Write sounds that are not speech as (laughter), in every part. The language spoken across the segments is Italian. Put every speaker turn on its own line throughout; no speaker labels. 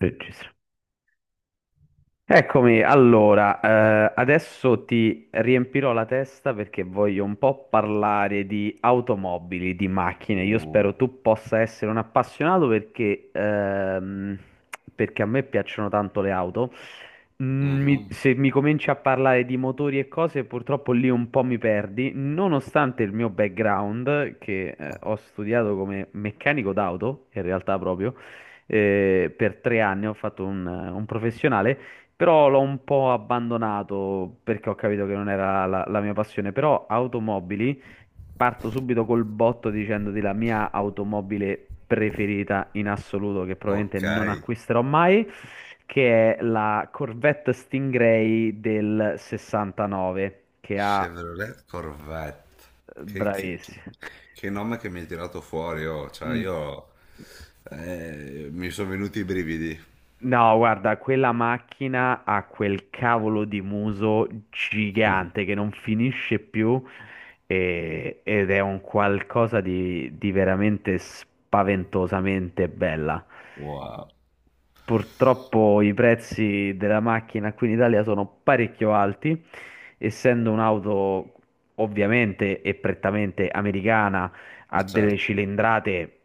Register. Eccomi, allora, adesso ti riempirò la testa perché voglio un po' parlare di automobili, di macchine. Io spero
Uh,
tu possa essere un appassionato perché a me piacciono tanto le auto. Mm, mi-
mhm.
se mi cominci a parlare di motori e cose, purtroppo lì un po' mi perdi, nonostante il mio background, che, ho studiato come meccanico d'auto, in realtà proprio, per tre anni ho fatto un professionale. Però l'ho un po' abbandonato perché ho capito che non era la mia passione. Però automobili, parto subito col botto dicendoti la mia automobile preferita in assoluto, che probabilmente
Ok,
non acquisterò mai, che è la Corvette Stingray del 69, che ha...
Chevrolet Corvette. Che, che- che-
Bravissimo.
che nome che mi hai tirato fuori, oh. Cioè,
Mm.
io mi sono venuti i brividi.
No, guarda, quella macchina ha quel cavolo di muso gigante che
(laughs)
non finisce più ed è un qualcosa di veramente spaventosamente bella.
Wow,
Purtroppo i prezzi della macchina qui in Italia sono parecchio alti, essendo un'auto ovviamente e prettamente americana, ha
ma
delle
certo,
cilindrate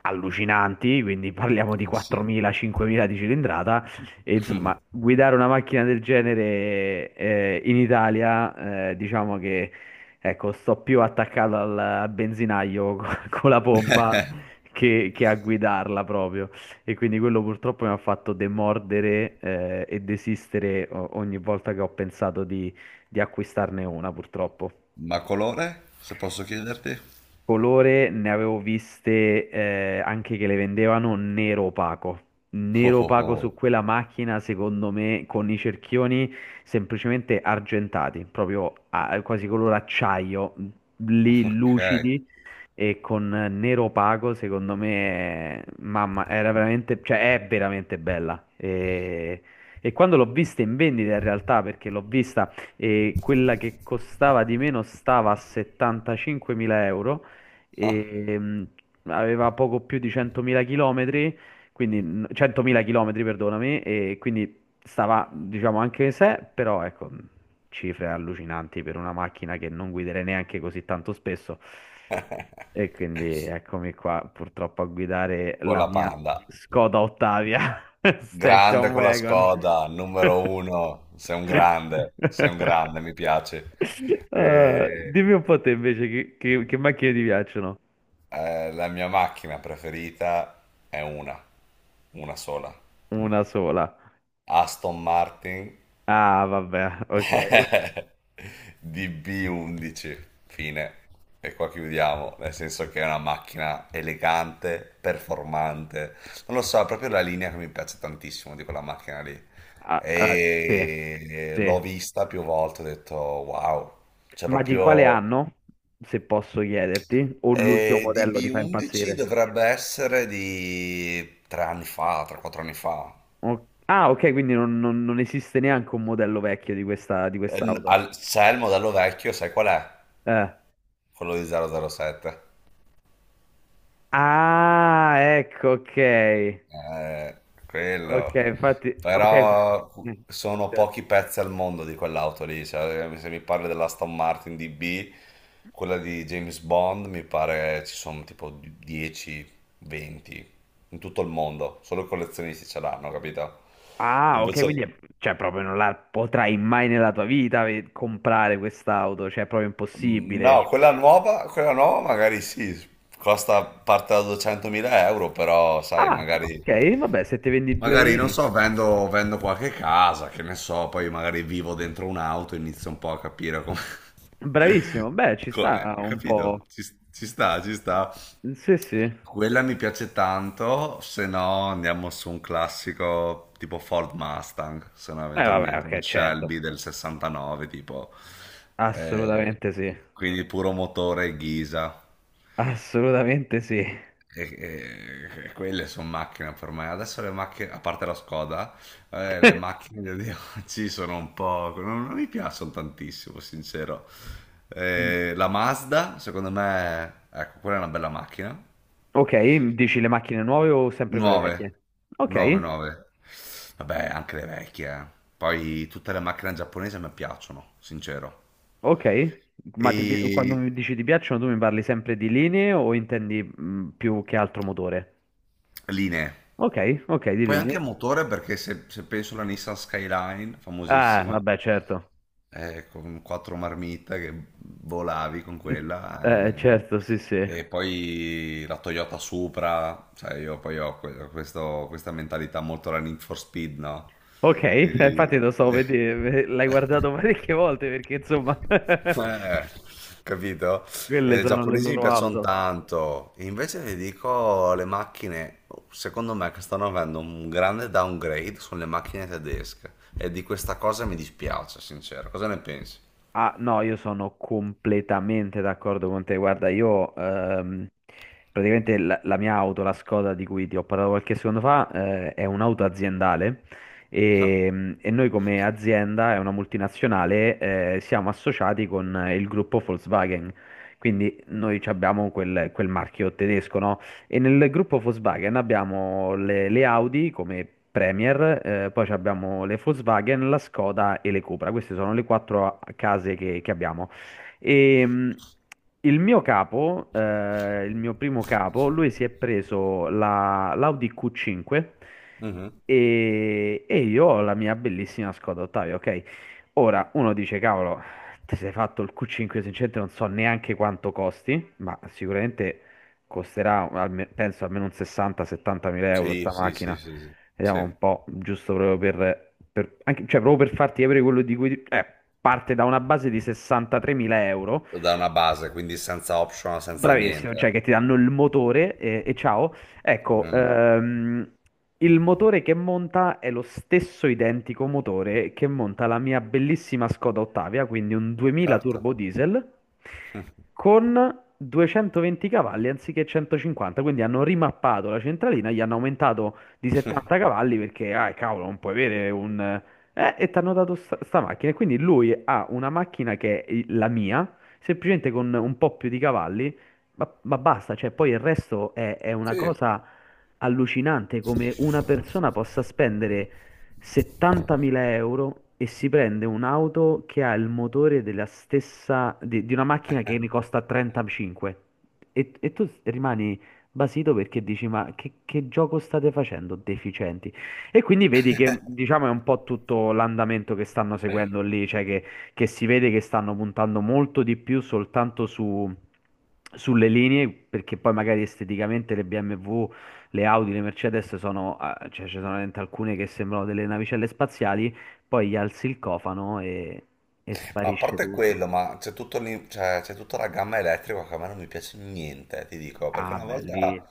allucinanti, quindi parliamo di
eh sì.
4.000-5.000 di cilindrata. E insomma, guidare una macchina del genere in Italia, diciamo che ecco, sto più attaccato al benzinaio (laughs) con la pompa
(laughs)
che a guidarla proprio. E quindi quello purtroppo mi ha fatto demordere e desistere ogni volta che ho pensato di acquistarne una, purtroppo.
Ma colore, se posso chiederti?
Colore ne avevo viste anche che le vendevano nero opaco.
Oh,
Nero
oh,
opaco su
oh,
quella macchina, secondo me, con i cerchioni semplicemente argentati, proprio quasi color acciaio, lì
ok.
lucidi e con Nero Opaco, secondo me, mamma, era veramente, cioè è veramente bella. E quando l'ho vista in vendita in realtà, perché l'ho vista e quella che costava di meno stava a 75.000 euro
(laughs)
e aveva poco più di 100.000 chilometri, quindi 100.000 chilometri, perdonami, e quindi stava, diciamo, anche se, però ecco, cifre allucinanti per una macchina che non guiderei neanche così tanto spesso. E quindi eccomi qua, purtroppo a guidare
Con
la
la
mia
Panda.
Skoda Ottavia (laughs)
Grande
Station
con la
Wagon.
Skoda, numero uno. Sei
(laughs)
un grande, mi piace.
Ah,
E-
dimmi un po' te invece che macchine ti piacciono?
La mia macchina preferita è una sola.
Una sola.
Aston Martin
Ah, vabbè, ok.
(laughs) DB11, fine. E qua chiudiamo, nel senso che è una macchina elegante, performante. Non lo so, è proprio la linea che mi piace tantissimo di quella macchina lì.
Ah, ah, sì,
E
sì.
l'ho vista più volte, ho detto wow, cioè
Ma di quale
proprio.
anno, se posso chiederti, o l'ultimo
E
modello ti fa
DB11
impazzire?
dovrebbe essere di 3 anni fa, 3-4 anni fa.
Ah, ok, quindi non esiste neanche un modello vecchio di questa, di quest'auto.
C'è il modello vecchio, sai qual è?
Eh.
Quello di 007.
Ah, ecco, ok.
Eh,
Ok,
quello.
infatti, ok.
Però
Mm,
sono
certo.
pochi pezzi al mondo di quell'auto lì. Cioè, se mi parli dell'Aston Martin DB, quella di James Bond, mi pare ci sono tipo 10, 20 in tutto il mondo. Solo i collezionisti ce l'hanno, capito?
Ah, ok, quindi
Invece.
cioè, proprio non la potrai mai nella tua vita comprare quest'auto, cioè è proprio
Mm,
impossibile.
no, quella nuova magari sì, costa parte da 200.000 euro, però sai,
Ah,
magari,
ok, vabbè, se ti vendi due
magari non
reni.
so, vendo qualche casa, che ne so, poi magari vivo dentro un'auto, inizio un po' a capire come.
Bravissimo, beh,
(laughs)
ci sta un po'.
Capito? Ci sta, ci sta.
Sì, sì.
Quella mi piace tanto, se no andiamo su un classico tipo Ford Mustang, se no
Vabbè,
eventualmente un
ok, certo.
Shelby del 69 tipo. Eh,
Assolutamente sì.
quindi puro motore Ghisa.
Assolutamente sì.
E quelle sono macchine per me. Adesso le macchine, a parte la Skoda, le
(laughs)
macchine di oggi sono un po', non mi piacciono tantissimo, sincero. La Mazda, secondo me, ecco, quella è una bella macchina.
Ok, dici le macchine nuove o sempre quelle
Nuove,
vecchie?
9,
Ok.
9. Vabbè, anche le vecchie. Poi tutte le macchine giapponesi mi piacciono, sincero.
Ok, ma quando
E
mi dici ti piacciono, tu mi parli sempre di linee o intendi più che altro motore?
linee.
Ok, ok, di
Poi anche
linee.
motore perché se penso alla Nissan Skyline,
Ah,
famosissima,
vabbè, certo.
con quattro marmite che volavi con
(laughs)
quella,
Certo, sì, sì.
e poi la Toyota Supra, cioè io poi ho questa mentalità molto la Need for Speed, no?
Ok, (laughs) infatti
Quindi.
lo so, vedi, l'hai guardato (laughs)
(laughs)
parecchie volte perché insomma, (laughs)
eh, Capito?
quelle
E i
sono le
giapponesi mi
loro
piacciono
auto.
tanto, invece vi dico le macchine, secondo me che stanno avendo un grande downgrade sono le macchine tedesche e di questa cosa mi dispiace, sincero. Cosa ne pensi?
Ah, no, io sono completamente d'accordo con te. Guarda, io praticamente la mia auto, la Skoda di cui ti ho parlato qualche secondo fa, è un'auto aziendale
(laughs)
e noi come azienda, è una multinazionale, siamo associati con il gruppo Volkswagen. Quindi noi ci abbiamo quel marchio tedesco, no? E nel gruppo Volkswagen abbiamo le Audi come Premier, poi ci abbiamo le Volkswagen, la Skoda e le Cupra. Queste sono le quattro case che abbiamo. E, il mio capo, il mio primo capo, lui si è preso l'Audi Q5
Mhm.
e io ho la mia bellissima Skoda Ottavia, ok? Ora, uno dice, cavolo, ti sei fatto il Q5, sinceramente non so neanche quanto costi, ma sicuramente costerà penso almeno un 60-70 mila euro
Sì,
sta
sì, sì,
macchina.
sì, sì,
Vediamo
sì.
un po', giusto proprio cioè proprio per farti capire quello di cui... parte da una base di 63.000 euro.
Da una base, quindi senza optional, senza
Bravissimo, cioè
niente.
che ti danno il motore e ciao. Ecco,
Mm,
il motore che monta è lo stesso identico motore che monta la mia bellissima Skoda Ottavia, quindi un 2000
certo.
turbo diesel
(laughs)
con 220 cavalli anziché 150, quindi hanno rimappato la centralina, gli hanno aumentato di 70 cavalli perché, ah, cavolo, non puoi avere un... e ti hanno dato sta macchina. E quindi lui ha una macchina che è la mia semplicemente con un po' più di cavalli ma basta, cioè, poi il resto è una
Sì,
cosa allucinante come una persona possa spendere 70.000 euro e si prende un'auto che ha il motore della stessa, di una macchina che ne costa 35. E tu rimani basito perché dici, ma che gioco state facendo, deficienti? E quindi vedi che, diciamo, è un po' tutto l'andamento che stanno seguendo lì, cioè che si vede che stanno puntando molto di più soltanto sulle linee, perché poi magari esteticamente le BMW, le Audi, le Mercedes sono, cioè ci sono veramente alcune che sembrano delle navicelle spaziali, poi gli alzi il cofano e
ma a
sparisce
parte
tutto.
quello, ma c'è cioè, c'è tutta la gamma elettrica che a me non mi piace niente, ti dico, perché
Ah,
una
belli.
volta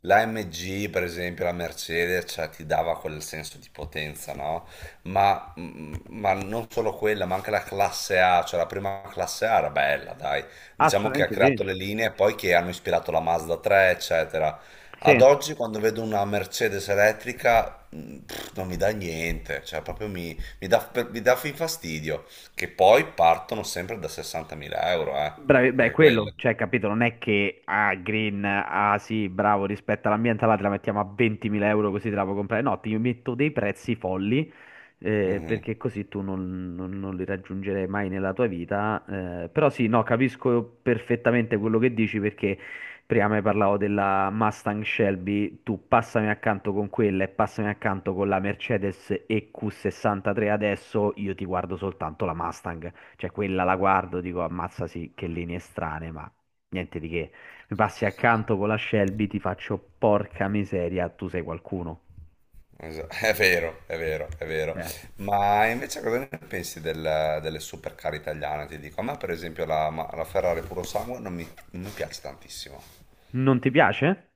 la MG, per esempio, la Mercedes, cioè, ti dava quel senso di potenza, no? Ma non solo quella, ma anche la classe A, cioè la prima classe A era bella, dai. Diciamo che ha
Assolutamente
creato
sì.
le linee poi che hanno ispirato la Mazda 3, eccetera. Ad
Sì.
oggi, quando vedo una Mercedes elettrica, non mi dà niente, cioè proprio mi dà fin fastidio, che poi partono sempre da 60.000 euro, eh?
Bravi, beh,
Anche
quello,
quelle.
cioè, capito, non è che ah, green, ah sì, bravo, rispetto all'ambiente, là te la mettiamo a 20.000 euro così te la puoi comprare. No, ti metto dei prezzi folli, perché così tu non li raggiungerai mai nella tua vita. Eh, però sì, no, capisco perfettamente quello che dici perché prima mi parlavo della Mustang Shelby, tu passami accanto con quella e passami accanto con la Mercedes EQ63 adesso, io ti guardo soltanto la Mustang. Cioè, quella la guardo, dico, ammazza sì, che linee strane, ma niente di che. Mi passi accanto con la Shelby, ti faccio porca miseria, tu sei qualcuno.
È vero, è vero, è vero.
Cioè,
Ma invece cosa ne pensi delle supercar italiane? Ti dico, a me per esempio la Ferrari puro sangue non mi piace tantissimo.
non ti piace?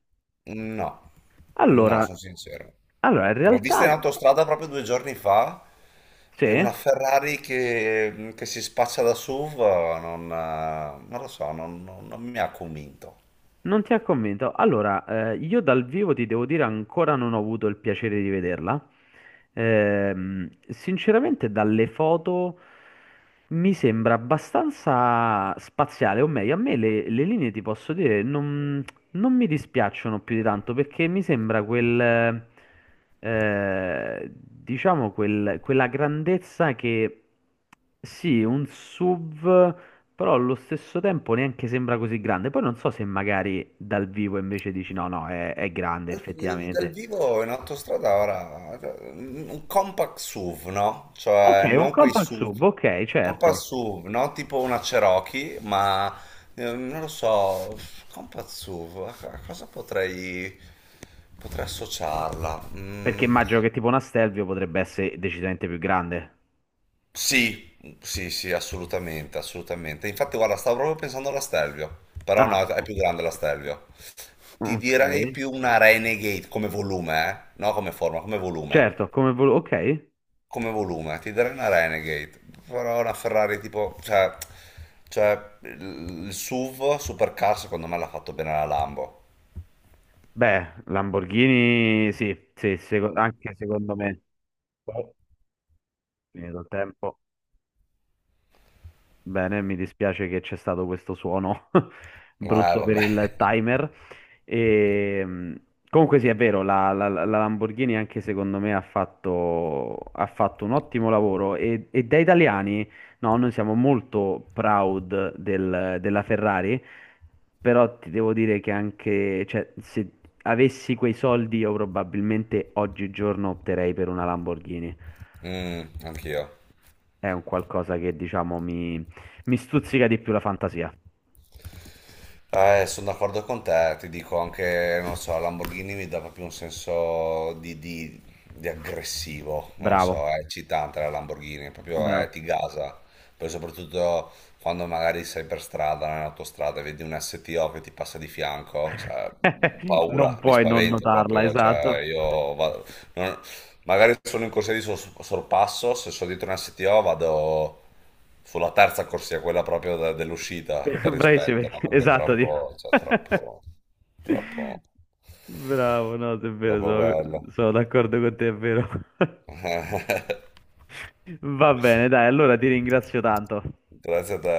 No, no,
Allora,
sono sincero.
allora, in
L'ho vista
realtà,
in autostrada proprio 2 giorni fa
sì,
e una Ferrari che si spaccia da SUV, non lo so, non mi ha convinto.
non ti ha convinto. Allora, io dal vivo ti devo dire ancora non ho avuto il piacere di vederla. Sinceramente, dalle foto mi sembra abbastanza spaziale, o meglio, a me le linee ti posso dire, non, non mi dispiacciono più di tanto perché mi sembra diciamo, quella grandezza che sì, un SUV, però allo stesso tempo neanche sembra così grande. Poi non so se magari dal vivo invece dici no, no, è grande
Dal
effettivamente.
vivo in autostrada ora un compact SUV, no?
Ok,
Cioè
un
non quei
compact
SUV,
SUV, ok,
compact
certo.
SUV, no? Tipo una Cherokee, ma non lo so, compact SUV, a cosa potrei associarla?
Perché
Mm,
immagino che tipo una Stelvio potrebbe essere decisamente più grande.
sì, sì, sì, assolutamente, assolutamente. Infatti guarda, stavo proprio pensando alla Stelvio, però
Ah,
no, è più grande la Stelvio. Ti
ok.
direi più una Renegade come volume, eh? No, come forma, come volume.
Certo, come volevo, ok.
Come volume, ti darei una Renegade, però una Ferrari tipo, cioè il SUV Supercar secondo me l'ha fatto bene la Lambo.
Beh, Lamborghini sì, sì, anche secondo me. Poi, finito il tempo. Bene, mi dispiace che c'è stato questo suono (laughs) brutto per
Vabbè.
il timer. E, comunque sì, è vero, la Lamborghini anche secondo me ha fatto un ottimo lavoro e da italiani, no, noi siamo molto proud della Ferrari, però ti devo dire che anche, cioè, se avessi quei soldi io probabilmente oggigiorno opterei per una Lamborghini.
Mm, anch'io.
È un qualcosa che diciamo mi stuzzica di più la fantasia.
Sono d'accordo con te, ti dico anche, non so, la Lamborghini mi dà proprio un senso di, di aggressivo, non lo
Bravo,
so, è eccitante la Lamborghini, proprio
bravo.
ti gasa, poi soprattutto quando magari sei per strada, nell'autostrada, e vedi un STO che ti passa di fianco, cioè,
Non
paura, mi
puoi non
spavento
notarla,
proprio, cioè,
esatto.
io va- non- magari sono in corsia di sorpasso, se sono dietro una STO vado sulla terza corsia, quella proprio dell'uscita,
(laughs)
per
Bravissimo,
rispetto, ma perché è
esatto. Dico.
troppo, cioè, troppo, troppo,
(laughs) Bravo, no, è vero,
troppo
sono,
bello.
sono d'accordo con te, è vero. (laughs)
(laughs)
Va bene, dai, allora ti ringrazio tanto.
Grazie a te.